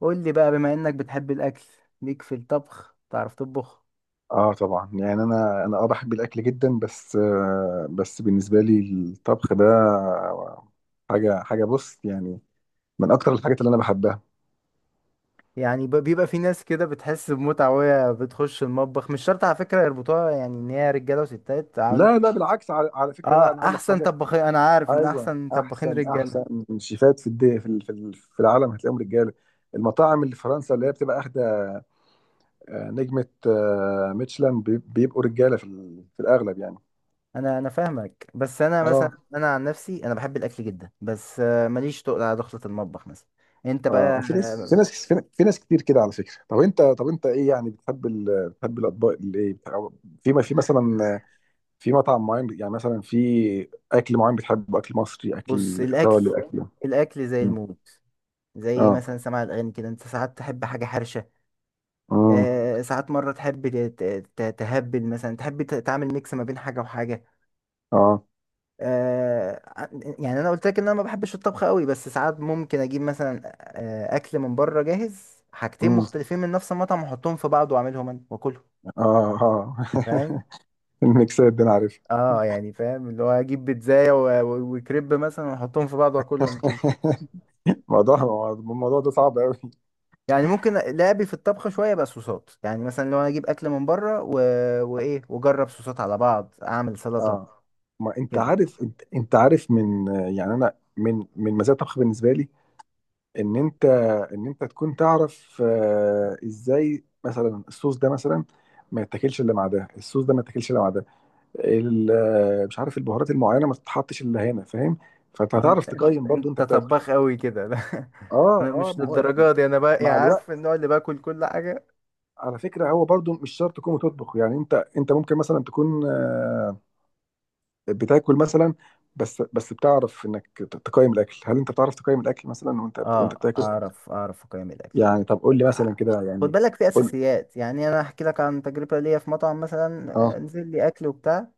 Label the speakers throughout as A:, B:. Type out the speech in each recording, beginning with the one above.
A: قول لي بقى، بما انك بتحب الاكل، ليك في الطبخ؟ تعرف تطبخ؟
B: اه، طبعا. يعني انا بحب الاكل جدا. بس بالنسبه لي الطبخ ده حاجه. بص، يعني من اكتر الحاجات اللي انا بحبها.
A: يعني بيبقى في ناس كده بتحس بمتعة وهي بتخش المطبخ، مش شرط على فكرة يربطوها يعني ان هي رجالة وستات، عم.
B: لا، لا، بالعكس. على فكره
A: اه،
B: بقى انا اقول لك
A: احسن
B: حاجه.
A: طباخين، انا عارف ان
B: ايوه،
A: احسن طباخين
B: احسن
A: رجالة.
B: احسن شيفات في الدي في ال- في ال- في العالم هتلاقيهم رجاله. المطاعم اللي في فرنسا اللي هي بتبقى اخده نجمه ميشلان، بيبقوا رجاله في الاغلب يعني.
A: انا فاهمك، بس انا مثلا
B: اه
A: انا عن نفسي انا بحب الاكل جدا، بس ماليش تقل على دخلة المطبخ مثلا. انت بقى
B: اه في ناس في ناس في في ناس كتير كده على فكره. طب انت ايه يعني؟ بتحب الاطباق اللي ايه أو ما في مثلا، في مطعم معين، يعني مثلا في اكل معين بتحبه، اكل مصري،
A: بص،
B: اكل
A: الاكل.
B: ايطالي، اكل.
A: الاكل زي
B: مم.
A: الموت، زي
B: اه.
A: مثلا سماع الاغاني كده، انت ساعات تحب حاجة حرشة.
B: امم.
A: ساعات مرة تحب تهبل مثلا، تحب تعمل ميكس ما بين حاجة وحاجة.
B: اه.
A: آه، ع- يعني أنا قلت لك إن أنا ما بحبش الطبخ قوي، بس ساعات ممكن أجيب مثلا أكل من بره جاهز، حاجتين
B: امم.
A: مختلفين من نفس المطعم وأحطهم في بعض وأعملهم أنا وأكلهم.
B: اه. اه.
A: فاهم؟
B: الميكسات دي انا عارفها.
A: اه، يعني فاهم، اللي هو اجيب بيتزاية وكريب مثلا واحطهم في بعض واكلهم كده.
B: الموضوع ده صعب قوي.
A: يعني ممكن لعبي في الطبخ شويه بقى، صوصات، يعني مثلا لو انا اجيب اكل من بره وايه، واجرب صوصات على بعض، اعمل سلطه
B: اه، ما انت
A: كده.
B: عارف. انت عارف من. يعني انا من مزايا الطبخ بالنسبه لي، ان انت ان انت تكون تعرف ازاي مثلا الصوص ده مثلا ما يتاكلش الا مع ده، الصوص ده ما يتاكلش الا مع ده. مش عارف، البهارات المعينه ما تتحطش الا هنا. فاهم؟ فانت هتعرف
A: انت انت
B: تقيم، برضو انت
A: أنت
B: بتاكل.
A: طباخ قوي كده؟ لا،
B: اه،
A: انا
B: اه،
A: مش
B: ما هو
A: للدرجه دي، انا بقى
B: مع
A: يعني
B: الوقت.
A: عارف النوع اللي باكل كل حاجه.
B: على فكره هو برضو مش شرط تكون بتطبخ، يعني انت ممكن مثلا تكون بتاكل مثلا. بس بتعرف انك تقيم الاكل. هل انت بتعرف تقيم الاكل مثلا وانت
A: اه،
B: بتاكل؟
A: اعرف اقيم الاكل.
B: يعني طب قول لي مثلا كده
A: خد
B: يعني.
A: بالك، في
B: قول.
A: اساسيات، يعني انا احكي لك عن تجربه ليا في مطعم مثلا،
B: اه.
A: نزل لي اكل وبتاع.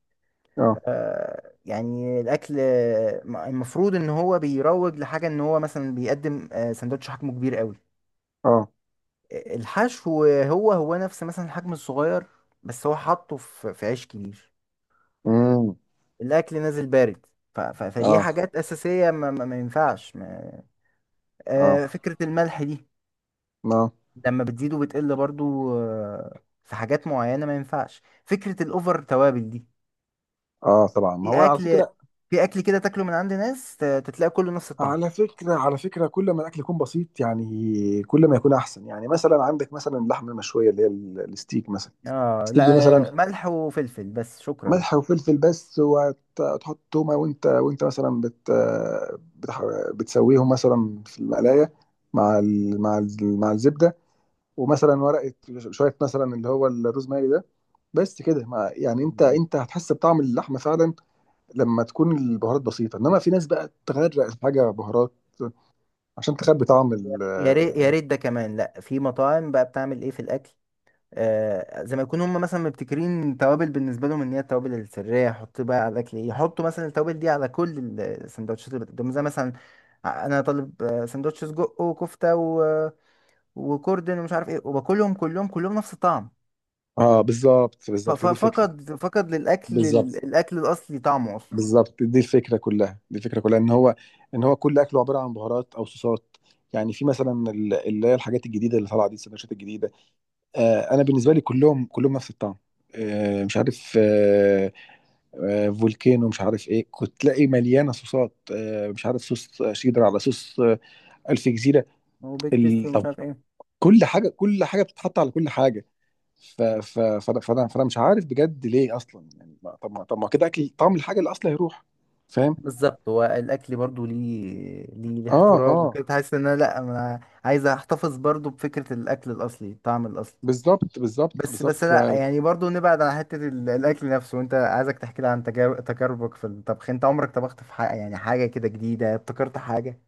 B: اه.
A: يعني الاكل، المفروض ان هو بيروج لحاجه، ان هو مثلا بيقدم سندوتش حجمه كبير قوي.
B: اه.
A: الحشو هو هو نفس مثلا الحجم الصغير، بس هو حاطه في في عيش كبير.
B: امم.
A: الاكل نازل بارد. فدي
B: اه.
A: حاجات اساسيه ما ينفعش ما...
B: اه.
A: فكره الملح دي
B: ما.
A: لما بتزيد وبتقل برضو، في حاجات معينه ما ينفعش، فكره الاوفر توابل دي.
B: اه، طبعا. ما
A: في
B: هو على
A: اكل
B: فكره،
A: في اكل كده تاكله من عند ناس، تتلاقي كله نفس الطعم.
B: كل ما الاكل يكون بسيط، يعني كل ما يكون احسن. يعني مثلا عندك مثلا اللحمه المشويه اللي هي الستيك مثلا.
A: اه،
B: الستيك
A: لا،
B: دي مثلا
A: ملح وفلفل بس، شكرا.
B: ملح وفلفل بس، وتحط تومه وانت مثلا بتسويهم مثلا في المقلايه مع الزبده، ومثلا ورقه شويه مثلا اللي هو الروزماري ده. بس كده. يعني انت هتحس بطعم اللحمه فعلا لما تكون البهارات بسيطه. انما في ناس بقى تغرق الحاجه بهارات عشان تخبي طعم
A: يا ريت، يا ريت ده كمان. لا، في مطاعم بقى بتعمل ايه في الاكل، زي ما يكونوا هم مثلا مبتكرين توابل بالنسبه لهم، ان هي التوابل السريه يحطوا بقى على الاكل، إيه، يحطوا مثلا التوابل دي على كل السندوتشات اللي قدامهم، زي مثلا انا طالب سندوتش سجق وكفته وكوردن ومش عارف ايه، وباكلهم كلهم كلهم نفس الطعم.
B: اه، بالظبط، بالظبط دي الفكره.
A: فقد للاكل
B: بالظبط،
A: الاكل الاصلي طعمه اصلا،
B: بالظبط دي الفكره كلها، دي الفكره كلها ان هو، ان هو كل اكله عباره عن بهارات او صوصات. يعني في مثلا اللي هي الحاجات الجديده اللي طالعه دي، السندوتشات الجديده. انا بالنسبه لي كلهم كلهم نفس الطعم. مش عارف فولكانو، مش عارف ايه، كنت تلاقي مليانه صوصات، مش عارف، صوص شيدر على صوص الف جزيره.
A: وبيك تيستي ومش
B: طب
A: عارف ايه.
B: كل حاجه كل حاجه بتتحط على كل حاجه. ف ف فانا فانا فانا مش عارف بجد ليه اصلا. يعني ما- طب ما طب ما كده اكل طعم الحاجه اللي اصلا هيروح. فاهم؟
A: بالظبط، هو الاكل برضو ليه
B: اه،
A: احترام
B: اه،
A: وكده، تحس ان انا، لا، انا عايز احتفظ برضو بفكره الاكل الاصلي، الطعم الاصلي.
B: بالظبط بالظبط
A: بس بس
B: بالظبط
A: لا، يعني برضو نبعد عن حتة الأكل نفسه. أنت عايزك تحكي لي عن تجاربك في الطبخ، أنت عمرك طبخت في حاجة، يعني حاجة كده جديدة ابتكرت حاجة؟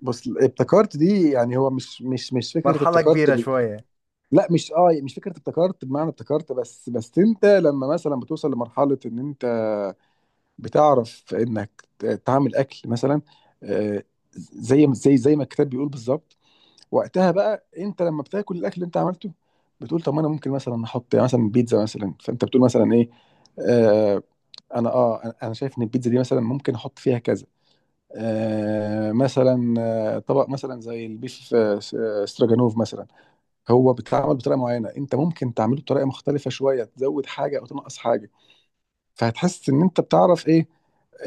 B: بص، ابتكرت دي يعني هو مش فكره
A: مرحلة
B: ابتكرت
A: كبيرة شوية.
B: لا، مش فكره ابتكرت بمعنى ابتكرت. بس انت لما مثلا بتوصل لمرحله ان انت بتعرف انك تعمل اكل مثلا، آه، زي ما الكتاب بيقول بالظبط. وقتها بقى انت لما بتاكل الاكل اللي انت عملته، بتقول طب ما انا ممكن مثلا احط، يعني مثلا بيتزا مثلا، فانت بتقول مثلا ايه؟ آه انا اه انا أنا شايف ان البيتزا دي مثلا ممكن احط فيها كذا. مثلا طبق مثلا زي البيف استراجانوف مثلا. هو بيتعمل بطريقه معينه، انت ممكن تعمله بطريقه مختلفه شويه، تزود حاجه او تنقص حاجه. فهتحس ان انت بتعرف ايه،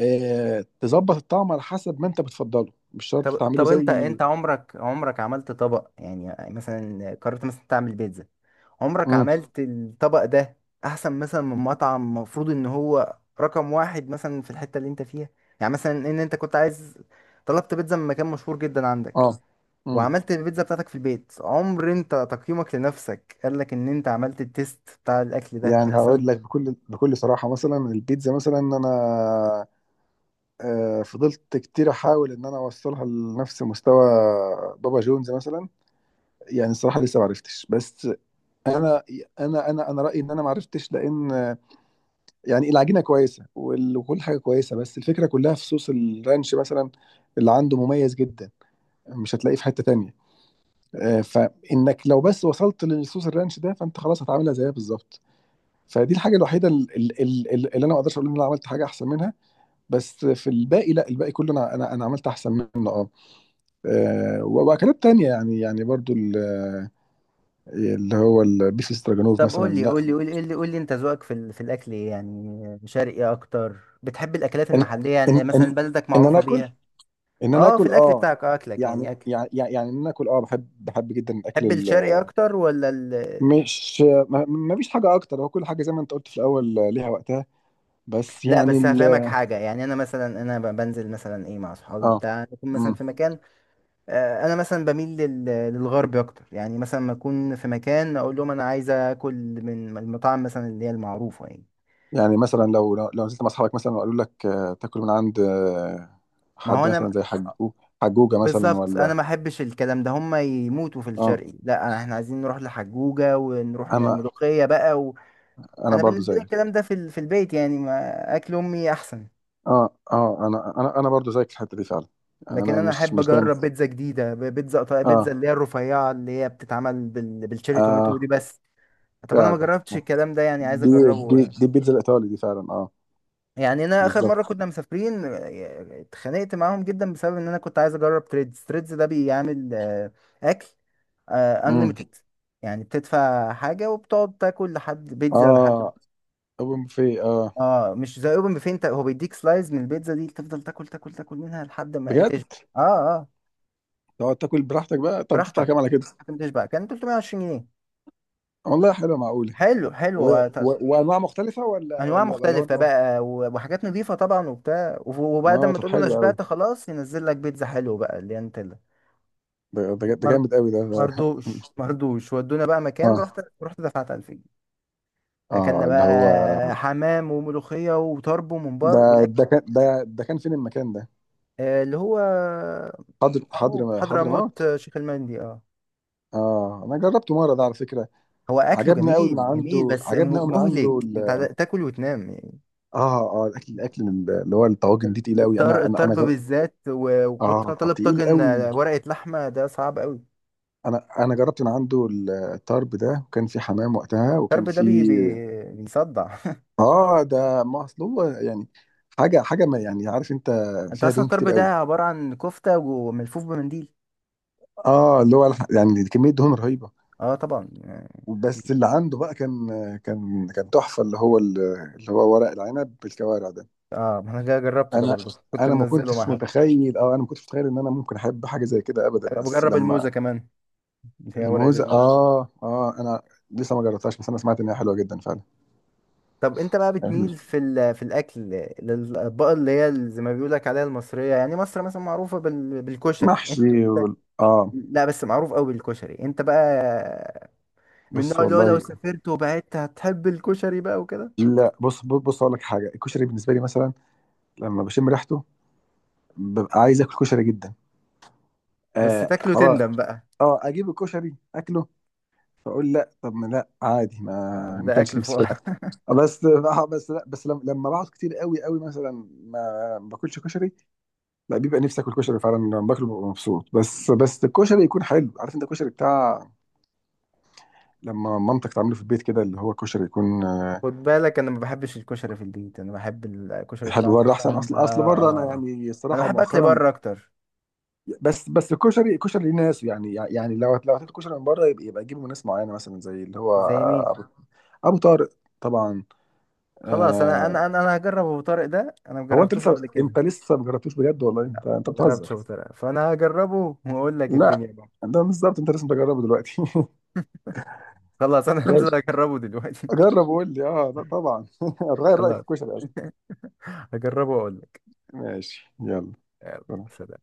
B: تظبط الطعم على حسب ما انت بتفضله، مش شرط
A: طب
B: تعمله
A: طب، أنت
B: زي.
A: أنت عمرك عملت طبق، يعني مثلا قررت مثلا تعمل بيتزا. عمرك
B: امم.
A: عملت الطبق ده أحسن مثلا من مطعم المفروض إن هو رقم واحد مثلا في الحتة اللي أنت فيها؟ يعني مثلا، إن أنت كنت عايز، طلبت بيتزا من مكان مشهور جدا عندك،
B: اه. امم.
A: وعملت البيتزا بتاعتك في البيت، عمر انت تقييمك لنفسك قال لك ان انت عملت التيست بتاع الاكل ده
B: يعني هقول
A: احسن؟
B: لك بكل صراحة. مثلا البيتزا مثلا انا فضلت كتير احاول ان انا اوصلها لنفس مستوى بابا جونز مثلا. يعني الصراحة لسه ما عرفتش، بس انا انا رأيي ان انا ما عرفتش، لان يعني العجينة كويسة وكل حاجة كويسة، بس الفكرة كلها في صوص الرانش مثلا اللي عنده، مميز جدا، مش هتلاقيه في حتة تانية. فانك لو بس وصلت للصوص الرانش ده، فانت خلاص هتعملها زيها بالظبط. فدي الحاجه الوحيده اللي انا ما اقدرش اقول ان انا عملت حاجه احسن منها. بس في الباقي، لا الباقي كله انا عملت احسن منه. اه واكلات تانية، يعني برضو اللي هو البيف استراجانوف
A: طب قول
B: مثلا.
A: لي، قول
B: لا.
A: لي، قول لي، قول لي، قول لي، انت ذوقك في في الاكل إيه؟ يعني شرقي اكتر، بتحب الاكلات
B: ان
A: المحليه،
B: ان
A: يعني
B: ان,
A: مثلا بلدك
B: إن انا
A: معروفه
B: اكل،
A: بيها؟
B: ان انا
A: اه، في
B: اكل
A: الاكل بتاعك، اكلك يعني
B: يعني
A: اكل،
B: يعني يعني ان انا اكل بحب جدا الاكل
A: تحب الشرقي اكتر ولا
B: مش، ما فيش حاجه اكتر، هو كل حاجه زي ما انت قلت في الاول ليها وقتها. بس
A: لا،
B: يعني
A: بس هفهمك حاجه، يعني انا مثلا، انا بنزل مثلا ايه مع اصحابي
B: اه.
A: بتاع، نكون
B: مم.
A: مثلا في مكان. انا مثلا بميل للغرب اكتر، يعني مثلا ما اكون في مكان اقول لهم انا عايز اكل من المطاعم مثلا اللي هي المعروفه يعني.
B: يعني مثلا لو نزلت مع اصحابك مثلا وقالوا لك تاكل من عند
A: ما هو
B: حد
A: انا
B: مثلا زي حجوج، حجوجة مثلا،
A: بالظبط، انا
B: ولا؟
A: ما احبش الكلام ده، هم يموتوا في
B: اه،
A: الشرقي، لا احنا عايزين نروح لحجوجه ونروح
B: انا
A: ملوخيه بقى
B: انا
A: انا
B: برضو
A: بالنسبه لي
B: زيك.
A: الكلام ده في في البيت، يعني ما اكل امي احسن.
B: اه، اه، انا برضو زيك في الحتة دي فعلا. يعني
A: لكن
B: انا
A: انا
B: مش
A: احب
B: مش دايما.
A: اجرب بيتزا جديده، بيتزا
B: اه،
A: بيتزا اللي هي الرفيعه اللي هي بتتعمل بالشيري توماتو دي
B: اه،
A: بس. طب انا ما
B: فعلا،
A: جربتش الكلام ده يعني، عايز
B: دي دي
A: اجربه.
B: دي البيتزا الايطالي دي فعلا. اه
A: يعني انا اخر مره
B: بالظبط.
A: كنا مسافرين، اتخانقت معاهم جدا، بسبب ان انا كنت عايز اجرب تريدز. تريدز ده بيعمل اكل
B: امم.
A: انليميتد، يعني بتدفع حاجه وبتقعد تاكل لحد بيتزا لحد.
B: اه. اوبن بوفيه. اه
A: اه، مش زي اوبن بوفيه، انت هو بيديك سلايز من البيتزا دي، تفضل تاكل تاكل تاكل منها لحد ما ايه
B: بجد؟
A: تشبع. اه، اه،
B: تقعد تاكل براحتك بقى. طب تدفع
A: براحتك
B: كام على كده؟
A: لحد ما تشبع. كان 320 جنيه.
B: والله حلوه، معقوله؟
A: حلو،
B: و...
A: حلو،
B: وانواع مختلفه ولا
A: انواع
B: ولا ولا
A: مختلفه
B: هو.
A: بقى وحاجات نظيفه طبعا وبتاع، وبعد
B: اه،
A: ما
B: طب
A: تقول له انا
B: حلو قوي.
A: شبعت خلاص، ينزل لك بيتزا حلو بقى اللي انت.
B: ده
A: مر...
B: جامد قوي
A: مردوش مردوش ودونا بقى مكان،
B: اه،
A: رحت دفعت 1000 جنيه. اكلنا
B: اه، اللي هو
A: بقى حمام وملوخيه وطرب
B: ده
A: وممبار والاكل
B: ده كان ده ده كان فين المكان ده؟
A: اللي هو معروف،
B: حضر
A: حضرموت،
B: موت.
A: شيخ المندي. اه.
B: اه انا جربته مره ده على فكره.
A: هو اكله جميل جميل، بس
B: عجبني قوي من عنده
A: مهلك انت تاكل وتنام يعني.
B: اه، اه، الاكل من اللي هو الطواجن دي تقيل قوي.
A: الطرب بالذات، وكنت
B: اه،
A: انا طالب
B: تقيل
A: طاجن
B: قوي.
A: ورقه لحمه، ده صعب قوي.
B: انا جربت من عنده الطرب ده، وكان في حمام وقتها وكان
A: الطرب ده
B: في
A: بيصدع.
B: اه، ده ما اصل هو يعني حاجه، ما يعني، عارف انت،
A: انت
B: فيها
A: اصلا
B: دهون
A: الطرب
B: كتير
A: ده
B: قوي.
A: عباره عن كفته وملفوف بمنديل.
B: اه، اللي هو يعني كميه دهون رهيبه.
A: اه، طبعا.
B: بس اللي عنده بقى كان، كان تحفه اللي هو ورق العنب بالكوارع ده.
A: اه، ما انا جربت ده
B: انا،
A: برضو، كنت
B: انا ما
A: منزله مع
B: كنتش
A: حد.
B: متخيل اه انا ما كنتش متخيل ان انا ممكن احب حاجه زي كده ابدا، بس
A: بجرب
B: لما
A: الموزه كمان اللي هي ورقه
B: الموزه.
A: الموزه.
B: اه، اه، انا لسه ما جربتهاش، بس انا سمعت ان هي حلوه جدا فعلا.
A: طب انت بقى بتميل في في الاكل للاطباق اللي هي زي ما بيقول لك عليها المصريه، يعني مصر مثلا معروفه بالكشري.
B: محشي
A: لا بس معروف قوي بالكشري. انت بقى من
B: بص
A: النوع اللي هو لو
B: والله.
A: سافرت وبعدت هتحب الكشري بقى وكده؟
B: لا، بص اقول لك حاجه. الكشري بالنسبه لي مثلا لما بشم ريحته ببقى عايز اكل كشري جدا.
A: بس تاكله
B: خلاص.
A: تندم بقى.
B: اه، اجيب الكشري اكله، فاقول لا. طب ما لا، عادي، ما
A: ده
B: كانش
A: اكل
B: نفسي في
A: فوق.
B: الاكل. بس لا، بس لما بقعد كتير قوي قوي مثلا ما باكلش كشري، لا بيبقى نفسي اكل كشري فعلا. لما باكله ببقى مبسوط، بس الكشري يكون حلو. عارف انت الكشري بتاع لما مامتك تعمله في البيت كده، اللي هو كشري يكون
A: خد بالك انا ما بحبش الكشري في البيت، انا بحب الكشري
B: حلو
A: بتاع
B: بره احسن.
A: المطاعم
B: اصل
A: ده.
B: اصل
A: آه.
B: بره انا
A: آه.
B: يعني
A: انا
B: الصراحه
A: بحب اكل
B: مؤخرا،
A: بره اكتر.
B: بس الكشري ليه ناس. يعني لو هتاكل كشري من بره يبقى، تجيبه من ناس معينه، مثلا زي اللي هو
A: زي مين؟
B: ابو، أبو طارق. طبعا.
A: خلاص، انا
B: آه،
A: انا انا انا هجرب ابو طارق ده، انا
B: هو انت
A: مجربتوش
B: لسه
A: قبل كده.
B: انت لسه ما جربتوش؟ بجد والله؟ انت
A: ما جربتش
B: بتهزر.
A: ابو طارق، فانا هجربه واقول لك
B: لا،
A: الدنيا بقى.
B: ده بالظبط انت لازم تجربه دلوقتي.
A: خلاص، انا
B: جرب.
A: هنزل اجربه دلوقتي.
B: جرب وقول لي. طبعا هتغير رايك في
A: خلاص،
B: الكشري اصلا.
A: هجربه واقول لك.
B: ماشي، يلا.
A: يلا، سلام.